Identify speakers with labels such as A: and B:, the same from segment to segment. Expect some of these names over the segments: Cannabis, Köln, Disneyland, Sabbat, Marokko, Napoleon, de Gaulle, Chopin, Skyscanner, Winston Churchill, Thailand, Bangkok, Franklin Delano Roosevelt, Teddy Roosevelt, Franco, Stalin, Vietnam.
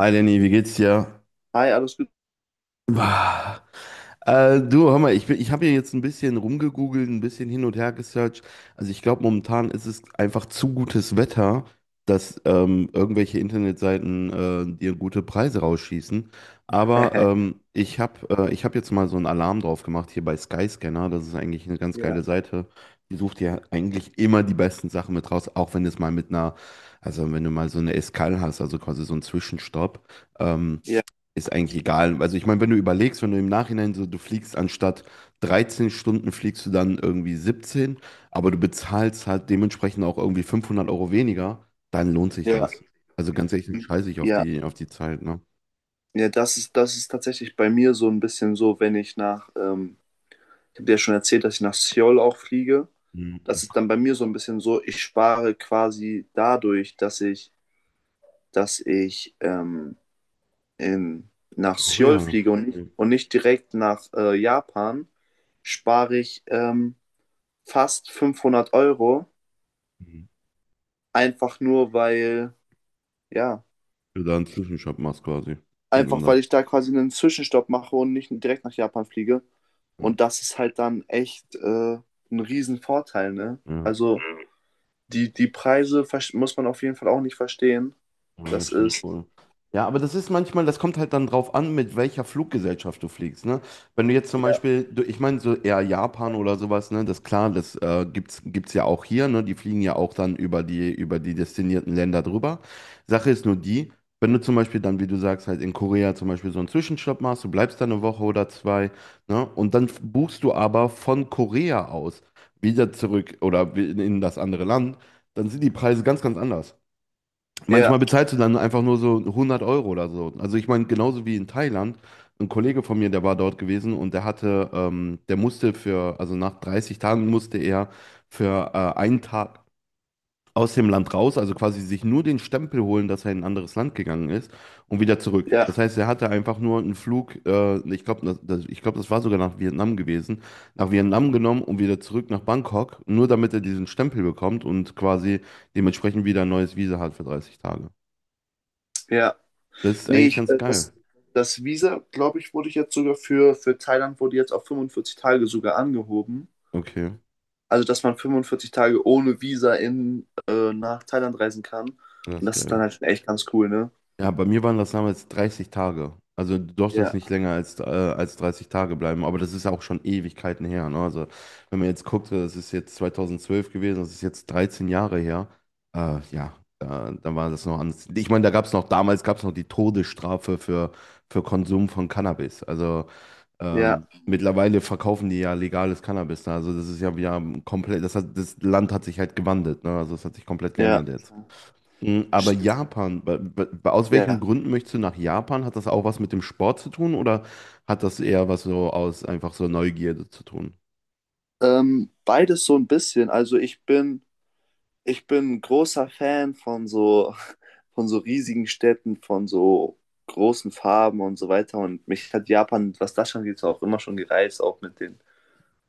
A: Hi Lenny, wie geht's dir?
B: Hi, alles gut?
A: Bah. Du, hör mal, ich habe hier jetzt ein bisschen rumgegoogelt, ein bisschen hin und her gesearched. Also ich glaube, momentan ist es einfach zu gutes Wetter, dass irgendwelche Internetseiten dir gute Preise rausschießen. Aber ich hab jetzt mal so einen Alarm drauf gemacht hier bei Skyscanner. Das ist eigentlich eine ganz
B: Ja,
A: geile Seite. Die sucht ja eigentlich immer die besten Sachen mit raus, auch wenn es mal mit einer, also wenn du mal so eine Escal hast, also quasi so einen Zwischenstopp. Ähm,
B: ja,
A: Ist eigentlich egal. Also ich meine, wenn du überlegst, wenn du im Nachhinein so, du fliegst anstatt 13 Stunden, fliegst du dann irgendwie 17, aber du bezahlst halt dementsprechend auch irgendwie 500 € weniger, dann lohnt sich
B: ja,
A: das. Also ganz ehrlich, dann scheiße ich auf
B: ja,
A: die, auf die Zeit, ne?
B: ja, das ist tatsächlich bei mir so ein bisschen so. Wenn ich nach, Ich habe dir ja schon erzählt, dass ich nach Seoul auch fliege. Das
A: Mhm.
B: ist dann bei mir so ein bisschen so, ich spare quasi dadurch, dass ich, dass ich ähm, in, nach Seoul
A: Korea.
B: fliege und nicht direkt nach Japan, spare ich fast 500 Euro,
A: Mhm.
B: einfach nur weil, ja.
A: Du da einen Zwischenstopp machst quasi. Und dann
B: Einfach weil
A: da.
B: ich da quasi einen Zwischenstopp mache und nicht direkt nach Japan fliege.
A: Mhm.
B: Und das ist halt dann echt ein Riesenvorteil, ne?
A: Ja.
B: Also die Preise muss man auf jeden Fall auch nicht verstehen.
A: Ja,
B: Das
A: das stimmt
B: ist,
A: wohl. Ja, aber das ist manchmal, das kommt halt dann drauf an, mit welcher Fluggesellschaft du fliegst, ne? Wenn du jetzt zum
B: ja,
A: Beispiel, ich meine so eher Japan oder sowas, ne? Das klar, das gibt's ja auch hier, ne? Die fliegen ja auch dann über die destinierten Länder drüber. Sache ist nur die, wenn du zum Beispiel dann, wie du sagst, halt in Korea zum Beispiel so einen Zwischenstopp machst, du bleibst da eine Woche oder zwei, ne? Und dann buchst du aber von Korea aus wieder zurück oder in das andere Land, dann sind die Preise ganz, ganz anders.
B: ja,
A: Manchmal bezahlst du dann einfach nur so 100 € oder so. Also ich meine, genauso wie in Thailand, ein Kollege von mir, der war dort gewesen und der musste also nach 30 Tagen musste er für einen Tag aus dem Land raus, also quasi sich nur den Stempel holen, dass er in ein anderes Land gegangen ist und wieder zurück. Das
B: ja,
A: heißt, er hatte einfach nur einen Flug, ich glaube, das war sogar nach Vietnam gewesen, nach Vietnam genommen und wieder zurück nach Bangkok, nur damit er diesen Stempel bekommt und quasi dementsprechend wieder ein neues Visa hat für 30 Tage.
B: ja.
A: Das ist
B: Nee,
A: eigentlich ganz geil.
B: das Visa, glaube ich, wurde jetzt sogar für Thailand wurde jetzt auf 45 Tage sogar angehoben.
A: Okay,
B: Also, dass man 45 Tage ohne Visa nach Thailand reisen kann.
A: das
B: Und
A: ist
B: das ist dann
A: geil.
B: halt schon echt ganz cool, ne?
A: Ja, bei mir waren das damals 30 Tage. Also du durftest
B: Ja,
A: nicht länger als 30 Tage bleiben, aber das ist ja auch schon Ewigkeiten her. Ne? Also wenn man jetzt guckt, das ist jetzt 2012 gewesen, das ist jetzt 13 Jahre her. Ja, da war das noch anders. Ich meine, da gab es noch, damals gab es noch die Todesstrafe für Konsum von Cannabis. Also,
B: ja,
A: Mittlerweile verkaufen die ja legales Cannabis da. Also das ist ja wieder komplett, das Land hat sich halt gewandelt, ne? Also es hat sich komplett
B: ja.
A: geändert jetzt. Aber
B: Ich-
A: Japan, aus welchen
B: Ja.
A: Gründen möchtest du nach Japan? Hat das auch was mit dem Sport zu tun oder hat das eher was so aus einfach so Neugierde zu tun?
B: Beides so ein bisschen. Also ich bin großer Fan von so, von so riesigen Städten, von so großen Farben und so weiter. Und mich hat Japan, was das schon geht, auch immer schon gereizt, auch mit den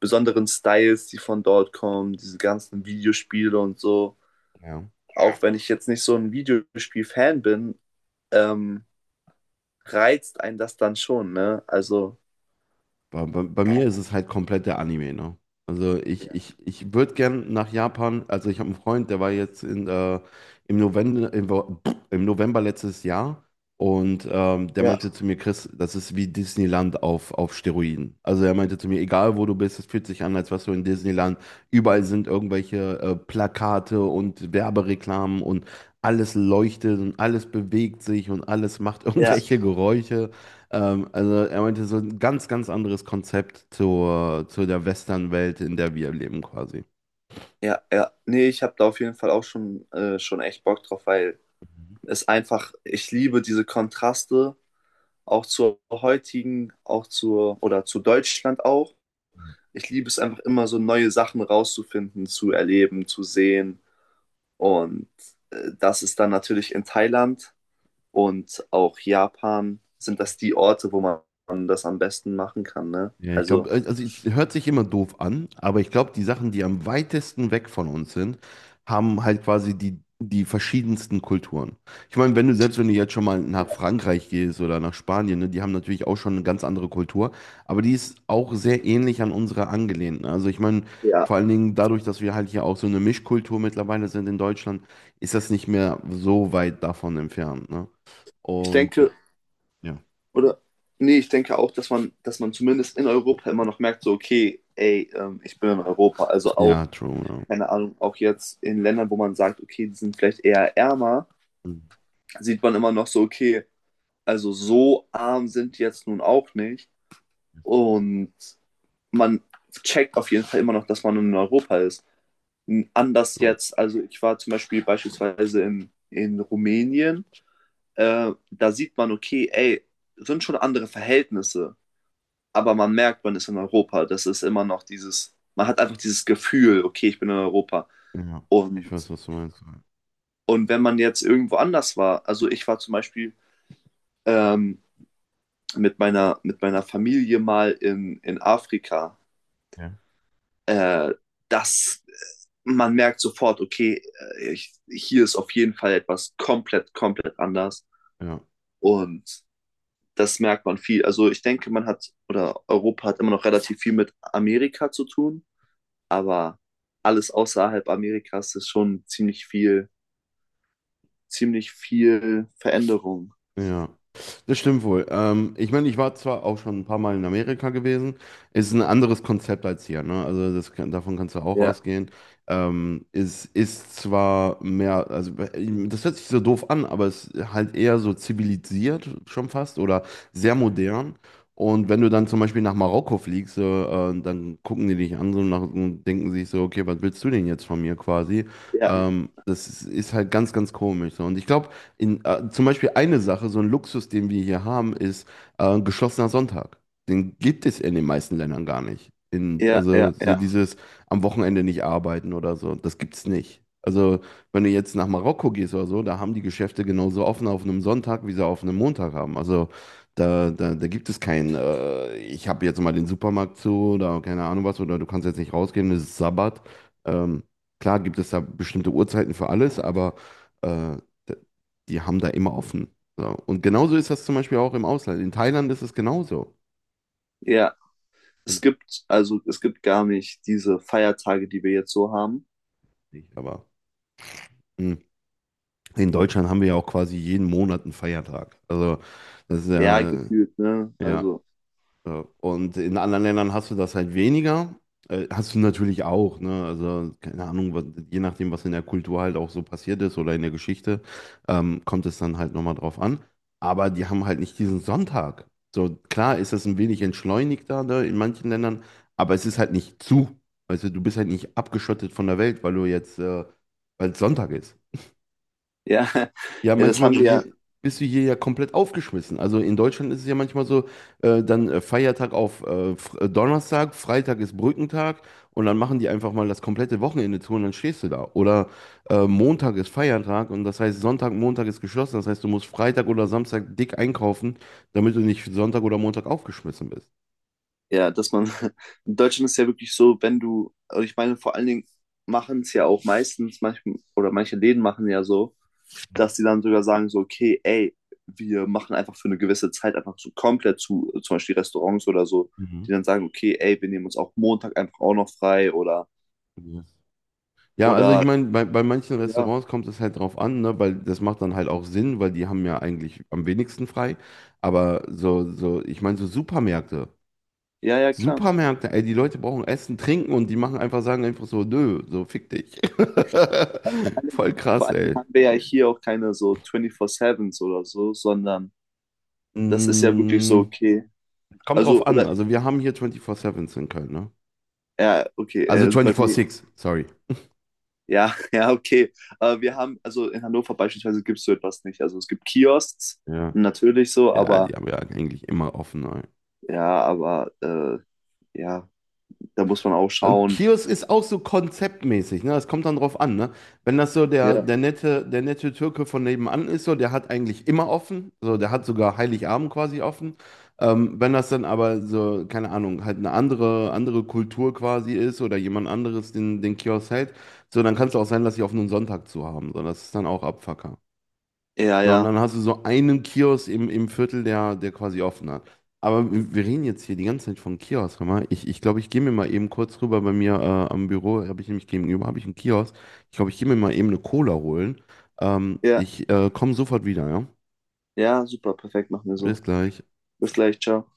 B: besonderen Styles, die von dort kommen, diese ganzen Videospiele und so.
A: Ja.
B: Auch wenn ich jetzt nicht so ein Videospiel-Fan bin, ähm, reizt einen das dann schon, ne? Also,
A: Bei mir ist es halt komplett der Anime, ne? Also ich würde gern nach Japan, also ich habe einen Freund, der war jetzt in, im November, im, Wo- im November letztes Jahr und der
B: ja,
A: meinte zu mir, Chris, das ist wie Disneyland auf Steroiden. Also er meinte zu mir, egal wo du bist, es fühlt sich an, als wärst du in Disneyland. Überall sind irgendwelche Plakate und Werbereklamen und alles leuchtet und alles bewegt sich und alles macht
B: ja.
A: irgendwelche Geräusche. Also er meinte so ein ganz, ganz anderes Konzept zu der Western-Welt, in der wir leben quasi.
B: Ja, ja. Nee, ich habe da auf jeden Fall auch schon, schon echt Bock drauf, weil es einfach, ich liebe diese Kontraste, auch zur heutigen, auch zur, oder zu Deutschland auch. Ich liebe es einfach immer so neue Sachen rauszufinden, zu erleben, zu sehen. Und das ist dann natürlich in Thailand und auch Japan sind das die Orte, wo man das am besten machen kann, ne?
A: Ja, ich glaube,
B: Also,
A: also es hört sich immer doof an, aber ich glaube, die Sachen, die am weitesten weg von uns sind, haben halt quasi die verschiedensten Kulturen. Ich meine, wenn du jetzt schon mal nach
B: ja.
A: Frankreich gehst oder nach Spanien, ne, die haben natürlich auch schon eine ganz andere Kultur, aber die ist auch sehr ähnlich an unsere angelehnt. Ne? Also ich meine,
B: Ja.
A: vor allen Dingen dadurch, dass wir halt hier auch so eine Mischkultur mittlerweile sind in Deutschland, ist das nicht mehr so weit davon entfernt, ne?
B: Ich
A: Und
B: denke,
A: ja,
B: Oder, nee, ich denke auch, dass man zumindest in Europa immer noch merkt, so, okay, ey, ich bin in Europa. Also
A: ja,
B: auch,
A: true, ja.
B: keine Ahnung, auch jetzt in Ländern, wo man sagt, okay, die sind vielleicht eher ärmer, sieht man immer noch so, okay, also so arm sind die jetzt nun auch nicht. Und man checkt auf jeden Fall immer noch, dass man in Europa ist. Anders
A: True.
B: jetzt, also ich war zum Beispiel beispielsweise in Rumänien, da sieht man, okay, ey, sind schon andere Verhältnisse. Aber man merkt, man ist in Europa. Das ist immer noch dieses, man hat einfach dieses Gefühl, okay, ich bin in Europa.
A: Ja, ich
B: Und,
A: weiß, was du meinst.
B: und wenn man jetzt irgendwo anders war, also ich war zum Beispiel ähm, mit meiner Familie mal in Afrika,
A: Ja,
B: äh, das, man merkt sofort, okay, hier ist auf jeden Fall etwas komplett, komplett anders.
A: ja.
B: Und das merkt man viel. Also ich denke, man hat, oder Europa hat immer noch relativ viel mit Amerika zu tun, aber alles außerhalb Amerikas ist schon ziemlich viel Veränderung.
A: Ja, das stimmt wohl. Ich meine, ich war zwar auch schon ein paar Mal in Amerika gewesen, ist ein anderes Konzept als hier, ne? Also davon kannst du auch
B: Ja,
A: ausgehen. Es ist zwar mehr, also das hört sich so doof an, aber es ist halt eher so zivilisiert schon fast oder sehr modern. Und wenn du dann zum Beispiel nach Marokko fliegst, so, dann gucken die dich an so nach, und denken sich so, okay, was willst du denn jetzt von mir quasi?
B: ja,
A: Das ist halt ganz, ganz komisch. So. Und ich glaube, zum Beispiel eine Sache, so ein Luxus, den wir hier haben, ist geschlossener Sonntag. Den gibt es in den meisten Ländern gar nicht.
B: ja,
A: Also
B: ja,
A: so
B: ja,
A: dieses am Wochenende nicht arbeiten oder so, das gibt es nicht. Also wenn du jetzt nach Marokko gehst oder so, da haben die Geschäfte genauso offen auf einem Sonntag, wie sie auf einem Montag haben. Also da gibt es kein, ich habe jetzt mal den Supermarkt zu oder keine Ahnung was, oder du kannst jetzt nicht rausgehen, es ist Sabbat. Ähm, klar gibt es da bestimmte Uhrzeiten für alles, aber. Äh, Die haben da immer offen. So. Und genauso ist das zum Beispiel auch im Ausland. In Thailand ist es genauso.
B: ja.
A: Hm,
B: Also es gibt gar nicht diese Feiertage, die wir jetzt so haben.
A: nicht, aber hm. In Deutschland haben wir ja auch quasi jeden Monat einen Feiertag. Also das ist
B: Ja,
A: ja,
B: gefühlt, ne?
A: ja.
B: Also,
A: Ja, und in anderen Ländern hast du das halt weniger. Hast du natürlich auch, ne? Also, keine Ahnung, je nachdem, was in der Kultur halt auch so passiert ist oder in der Geschichte, kommt es dann halt nochmal drauf an. Aber die haben halt nicht diesen Sonntag. So, klar ist das ein wenig entschleunigter, ne, in manchen Ländern, aber es ist halt nicht zu. Also, du bist halt nicht abgeschottet von der Welt, weil es Sonntag ist.
B: ja,
A: Ja,
B: ja, das haben
A: manchmal
B: wir
A: hier,
B: ja,
A: bist du hier ja komplett aufgeschmissen. Also in Deutschland ist es ja manchmal so, dann Feiertag auf Donnerstag, Freitag ist Brückentag und dann machen die einfach mal das komplette Wochenende zu und dann stehst du da. Oder Montag ist Feiertag und das heißt Sonntag, Montag ist geschlossen. Das heißt, du musst Freitag oder Samstag dick einkaufen, damit du nicht Sonntag oder Montag aufgeschmissen bist.
B: ja, in Deutschland ist ja wirklich so, wenn du, also ich meine, vor allen Dingen machen es ja auch meistens, manchmal, oder manche Läden machen ja so,
A: Mhm.
B: dass sie dann sogar sagen, so, okay, ey, wir machen einfach für eine gewisse Zeit einfach so komplett zu, zum Beispiel Restaurants oder so,
A: Mhm.
B: die dann sagen, okay, ey, wir nehmen uns auch Montag einfach auch noch frei oder,
A: Ja. Ja, also ich
B: oder,
A: meine, bei manchen
B: ja,
A: Restaurants kommt es halt drauf an, ne, weil das macht dann halt auch Sinn, weil die haben ja eigentlich am wenigsten frei. Aber ich meine, so Supermärkte.
B: ja, ja, klar.
A: Supermärkte, ey, die Leute brauchen Essen, Trinken und die sagen einfach so, nö, so fick dich.
B: Vor allen Dingen,
A: Voll
B: vor
A: krass,
B: allen Dingen
A: ey.
B: haben wir ja hier auch keine so 24-7s oder so, sondern das ist ja wirklich so,
A: Mm,
B: okay.
A: Kommt
B: Also,
A: drauf an.
B: oder,
A: Also wir haben hier 24-7s in Köln, ne?
B: ja, okay,
A: Also
B: also bei mir,
A: 24-6, sorry.
B: ja, ja, okay. Wir haben, also in Hannover beispielsweise gibt es so etwas nicht. Also es gibt Kiosks,
A: Ja.
B: natürlich so,
A: Ja, die haben ja eigentlich immer offen.
B: aber ja, da muss man auch
A: Also
B: schauen.
A: Kiosk ist auch so konzeptmäßig, ne? Das kommt dann drauf an, ne? Wenn das so
B: Ja,
A: der nette Türke von nebenan ist, so, der hat eigentlich immer offen, so, der hat sogar Heiligabend quasi offen. Wenn das dann aber so, keine Ahnung, halt eine andere Kultur quasi ist oder jemand anderes den Kiosk hält, so, dann kann es auch sein, dass sie auf einen Sonntag zu haben. So, das ist dann auch Abfuck
B: Ja, ja,
A: sondern hast du so einen Kiosk im Viertel, der quasi offen hat. Aber wir reden jetzt hier die ganze Zeit von Kiosk. Hör mal, ich glaube, ich gehe mir mal eben kurz rüber bei mir am Büro, habe ich nämlich gegenüber, habe ich einen Kiosk. Ich glaube, ich gehe mir mal eben eine Cola holen.
B: ja.
A: Ich komme sofort wieder, ja?
B: ja, super, perfekt, machen wir so.
A: Bis gleich.
B: Bis gleich, ciao.